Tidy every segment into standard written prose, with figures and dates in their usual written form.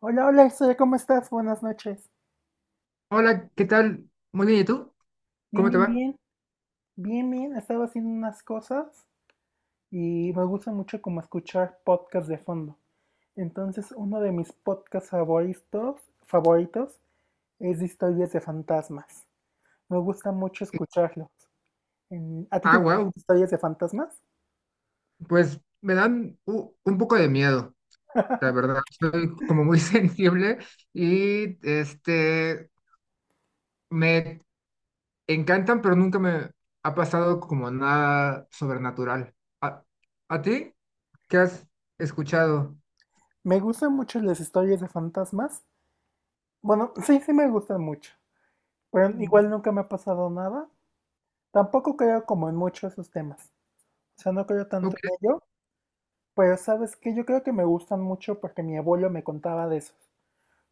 Hola, hola, Estrella, ¿cómo estás? Buenas noches. Hola, ¿qué tal? Muy bien, ¿y tú? Bien, ¿Cómo te bien, va? bien, bien. Estaba haciendo unas cosas y me gusta mucho como escuchar podcasts de fondo. Entonces, uno de mis podcasts favoritos es de historias de fantasmas. Me gusta mucho escucharlos. ¿A ti te Ah, gustan wow. las historias de fantasmas? Pues me dan un poco de miedo, la verdad. Soy como muy sensible y me encantan, pero nunca me ha pasado como nada sobrenatural. ¿A, ¿A ti? ¿Qué has escuchado? Me gustan mucho las historias de fantasmas. Bueno, sí me gustan mucho. Pero Mm. igual nunca me ha pasado nada. Tampoco creo como en muchos de esos temas. O sea, no creo tanto Ok, en ello. Pero sabes que yo creo que me gustan mucho porque mi abuelo me contaba de esos.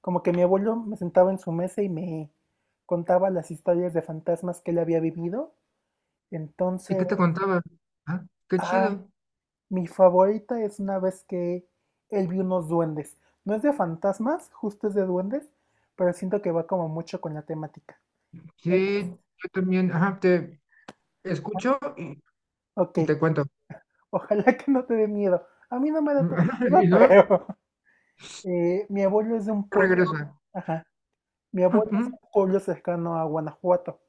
Como que mi abuelo me sentaba en su mesa y me contaba las historias de fantasmas que él había vivido. ¿y qué Entonces, te contaba? Ah, qué ay, chido. mi favorita es una vez que él vio unos duendes. No es de fantasmas, justo es de duendes, pero siento que va como mucho con la temática. Él Sí, es- yo también, ajá, te escucho ok, y te cuento. ojalá que no te dé miedo. A mí no me da tanto Y miedo, pero no, mi abuelo es de un pueblo. regresa. Ajá. Mi abuelo es un pueblo cercano a Guanajuato,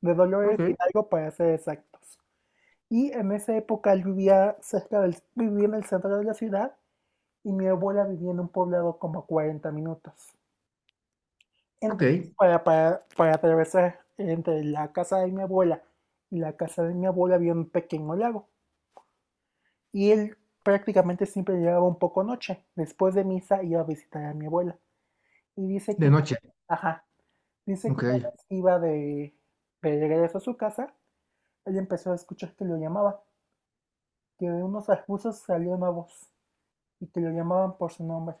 de Dolores Ok, Hidalgo para ser exactos. Y en esa época él vivía en el centro de la ciudad y mi abuela vivía en un poblado como a 40 minutos. Entonces, ok, para atravesar entre la casa de mi abuela y la casa de mi abuela había un pequeño lago. Y él prácticamente siempre llegaba un poco noche. Después de misa iba a visitar a mi abuela. Y dice que, de noche, ajá. Dice que ok, una vez iba De regreso a su casa, él empezó a escuchar que lo llamaba, que de unos arbustos salió una voz y que lo llamaban por su nombre.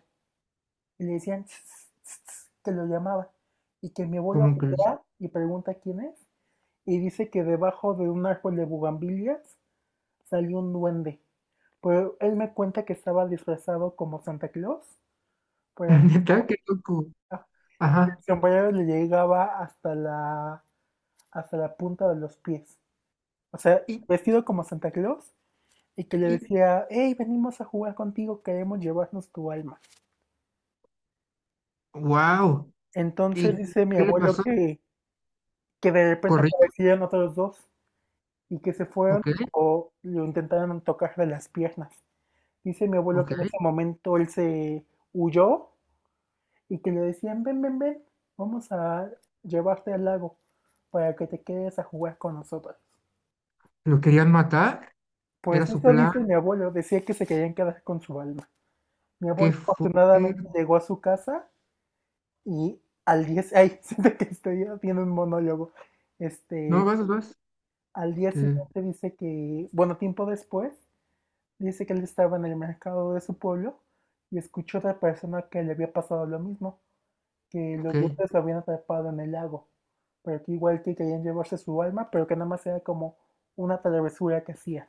Y le decían "Tss, tss, tss", que lo llamaba y que mi abuelo ¿cómo crees? voltea y pregunta quién es, y dice que debajo de un árbol de bugambilias salió un duende. Pero él me cuenta que estaba disfrazado como Santa Claus, pero Neta, qué loco, el ajá, sombrero le llegaba hasta la punta de los pies. O sea, y, vestido como Santa Claus y que le y, decía, hey, venimos a jugar contigo, queremos llevarnos tu alma. wow, Entonces ¿y dice mi qué le abuelo pasó? Que de repente Corrió, aparecieron otros dos y que se fueron ok, o lo intentaron tocar de las piernas. Dice mi abuelo ok, que en ese momento él se huyó y que le decían, ven, ven, ven, vamos a llevarte al lago para que te quedes a jugar con nosotros. lo querían matar, era Pues su eso plan, dice mi abuelo, decía que se querían quedar con su alma. Mi qué abuelo fue, afortunadamente llegó a su casa y al día, si- ay, siento que estoy haciendo un monólogo. Este, no, vas, vas, Al día este, siguiente dice que, bueno, tiempo después, dice que él estaba en el mercado de su pueblo y escuchó a otra persona que le había pasado lo mismo, que ok. los duendes lo habían atrapado en el lago, pero que igual que querían llevarse su alma, pero que nada más era como una travesura que hacía.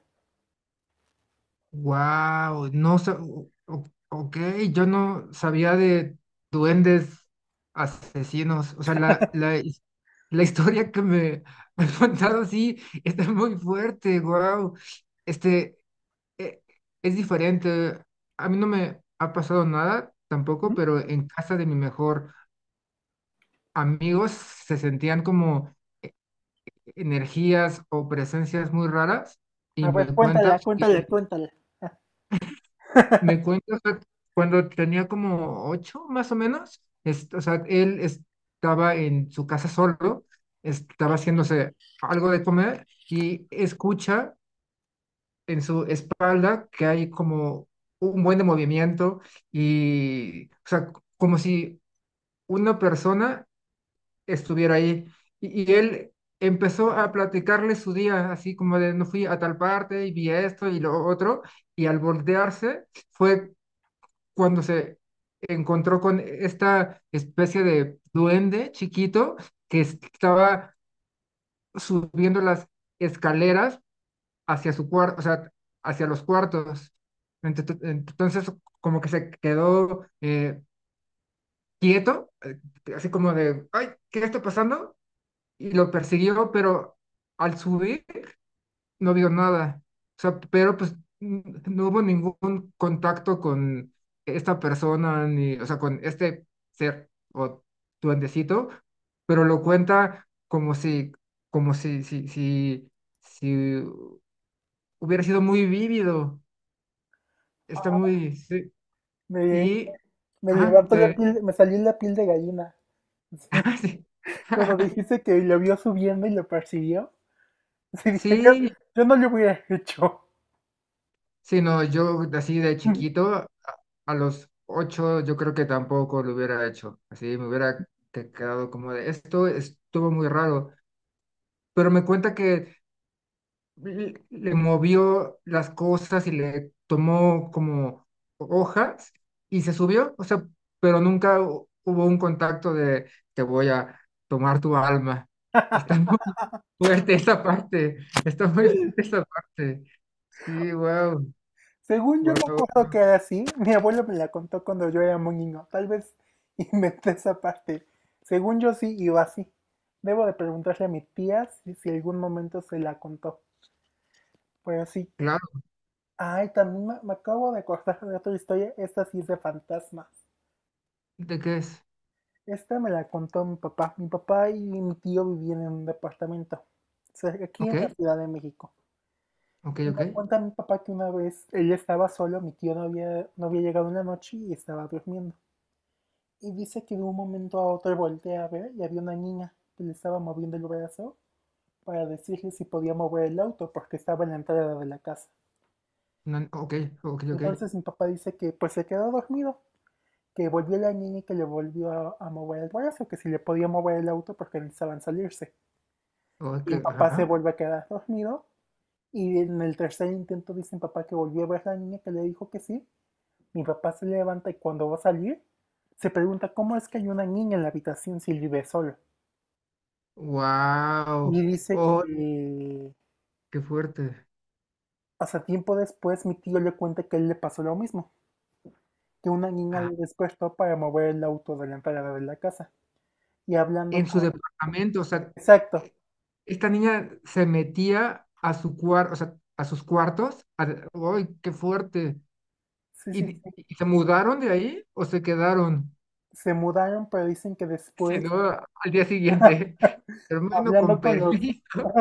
Wow, no sa- o- ok, yo no sabía de duendes asesinos. O sea, la historia que me han contado sí está muy fuerte, wow. Este e- es diferente. A mí no me ha pasado nada tampoco, pero en casa de mi mejor amigos se sentían como e- energías o presencias muy raras y A me ver, cuentas. cuéntala, cuéntala, cuéntala. Me cuenta, o sea, cuando tenía como ocho, más o menos, o sea, él estaba en su casa solo, estaba haciéndose algo de comer y escucha en su espalda que hay como un buen de movimiento y, o sea, como si una persona estuviera ahí. Y él empezó a platicarle su día, así como de, no fui a tal parte y vi esto y lo otro, y al voltearse fue cuando se encontró con esta especie de duende chiquito que estaba subiendo las escaleras hacia su cuarto, o sea, hacia los cuartos. Entonces, como que se quedó quieto, así como de, ay, ¿qué está pasando? Y lo persiguió, pero al subir no vio nada. O sea, pero pues no hubo ningún contacto con esta persona, ni, o sea, con este ser o duendecito, pero lo cuenta como si si hubiera sido muy vívido. Está Ah, muy, sí. Me, Y, me ah, levantó la te, piel, me salió la piel de gallina. ah, sí. Sí, cuando dijiste que lo vio subiendo y lo persiguió, sí dije, Sí, yo no lo hubiera hecho. sí, no, yo así de chiquito, a los ocho yo creo que tampoco lo hubiera hecho, así me hubiera quedado como de, esto estuvo muy raro, pero me cuenta que le movió las cosas y le tomó como hojas y se subió, o sea, pero nunca hubo un contacto de te voy a tomar tu alma. Está muy fuerte esa parte, está muy fuerte esa parte. Sí, wow, Según yo me wow. acuerdo que era así, mi abuelo me la contó cuando yo era muy niño, tal vez inventé esa parte. Según yo sí iba así. Debo de preguntarle a mi tía si algún momento se la contó, pero sí. Claro. Ay, también me acabo de acordar de otra historia, esta sí es de fantasmas. ¿De qué es? Esta me la contó mi papá. Mi papá y mi tío vivían en un departamento, aquí Ok, en la Ciudad de México. ok, Y ok. me cuenta mi papá que una vez él estaba solo, mi tío no había llegado en la noche y estaba durmiendo. Y dice que de un momento a otro voltea a ver y había una niña que le estaba moviendo el brazo para decirle si podía mover el auto porque estaba en la entrada de la casa. No, ok, ok, ok. Entonces mi papá dice que pues se quedó dormido, que volvió la niña y que le volvió a mover el brazo, que si le podía mover el auto porque necesitaban salirse. Y Ok, mi papá se ajá. vuelve a quedar dormido y en el tercer intento dice mi papá que volvió a ver la niña que le dijo que sí. Mi papá se levanta y cuando va a salir, se pregunta cómo es que hay una niña en la habitación si él vive solo. Y Wow. dice Oh, que qué fuerte. hasta tiempo después mi tío le cuenta que él le pasó lo mismo, que una niña Ah, le despertó para mover el auto de la entrada de la casa. Y hablando en su con... departamento, o sea, Exacto, e- esta niña se metía a su cuarto, o sea, a sus cuartos. ¡Ay, qué fuerte! sí, sí, sí. Y se mudaron de ahí o se quedaron? Se mudaron, pero dicen que Si después, no, al día siguiente. Hermano, con hablando con los... permiso.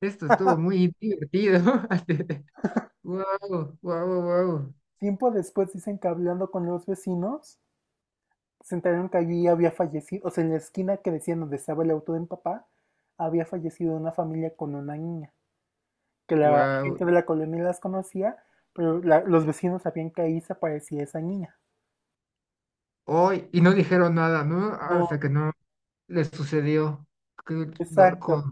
Esto estuvo muy divertido. Wow, wow, wow. tiempo después dicen que hablando con los vecinos, se enteraron que allí había fallecido, o sea, en la esquina que decían donde estaba el auto de mi papá, había fallecido una familia con una niña, que la Wow, gente de la colonia las conocía, pero los vecinos sabían que ahí se aparecía esa niña. hoy y no dijeron nada, ¿no? No, Hasta que no les sucedió. Qué loco, exacto.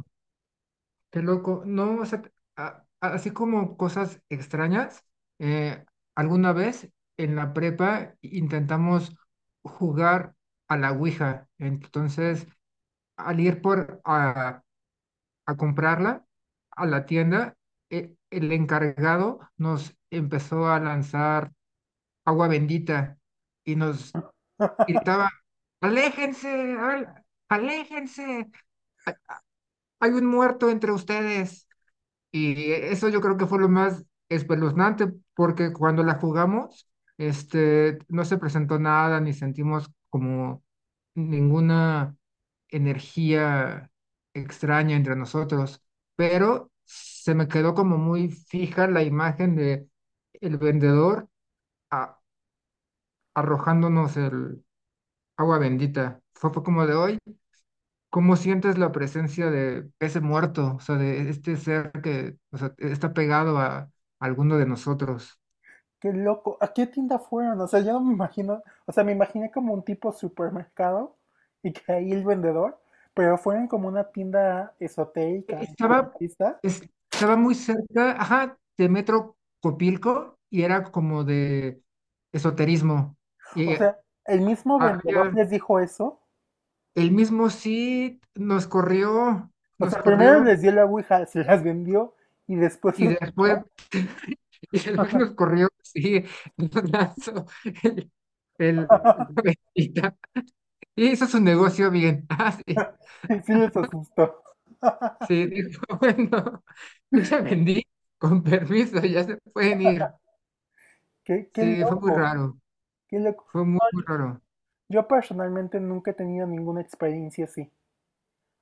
qué loco. No, o sea, así como cosas extrañas, eh, alguna vez en la prepa intentamos jugar a la Ouija. Entonces, al ir a comprarla a la tienda, el encargado nos empezó a lanzar agua bendita y nos gritaba, aléjense, aléjense, hay un muerto entre ustedes. Y eso yo creo que fue lo más espeluznante, porque cuando la jugamos, no se presentó nada, ni sentimos como ninguna energía extraña entre nosotros, pero se me quedó como muy fija la imagen de el vendedor a- arrojándonos el agua bendita. Fue como de hoy ¿cómo sientes la presencia de ese muerto, o sea, de este ser que, o sea, está pegado a, alguno de nosotros? Qué loco. ¿A qué tienda fueron? O sea, yo no me imagino, o sea, me imaginé como un tipo supermercado y que ahí el vendedor, pero fueron como una tienda esotérica, Estaba, espiritista. estaba muy cerca, ajá, de Metro Copilco y era como de esoterismo. Y O sea, el mismo vendedor había- les dijo eso. el mismo sí O nos sea, primero corrió les dio la Ouija, se las vendió y después y los echó. después, y después nos corrió, sí, nos lanzó el, el- y hizo su negocio bien. Ah, sí. Y sí les asustó. Sí, dijo, bueno, yo ya vendí, con permiso, ya se pueden ir. Qué Sí, fue muy loco, raro, qué loco. fue muy, No, muy raro. yo personalmente nunca he tenido ninguna experiencia así.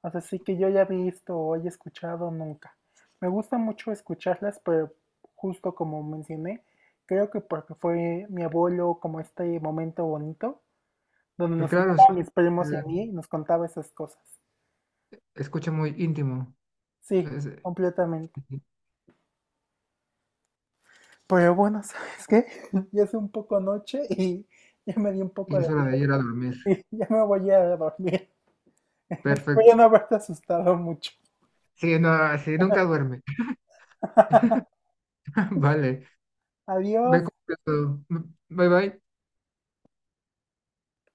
O sea, sí que yo haya visto o haya escuchado nunca. Me gusta mucho escucharlas, pero justo como mencioné, creo que porque fue mi abuelo como este momento bonito, donde Pero nos claro, sí, sentaban mis primos y a eh, mí y nos contaba esas cosas. escucha muy íntimo. Sí, es- completamente. Pero bueno, ¿sabes qué? Ya es un poco noche y ya me di un poco y de es hora de miedo ir a dormir. y ya me voy a dormir. Voy Perfecto. a no haberte asustado mucho. Sí, no, sí, nunca duerme. Vale, me Adiós. contesto. Bye bye.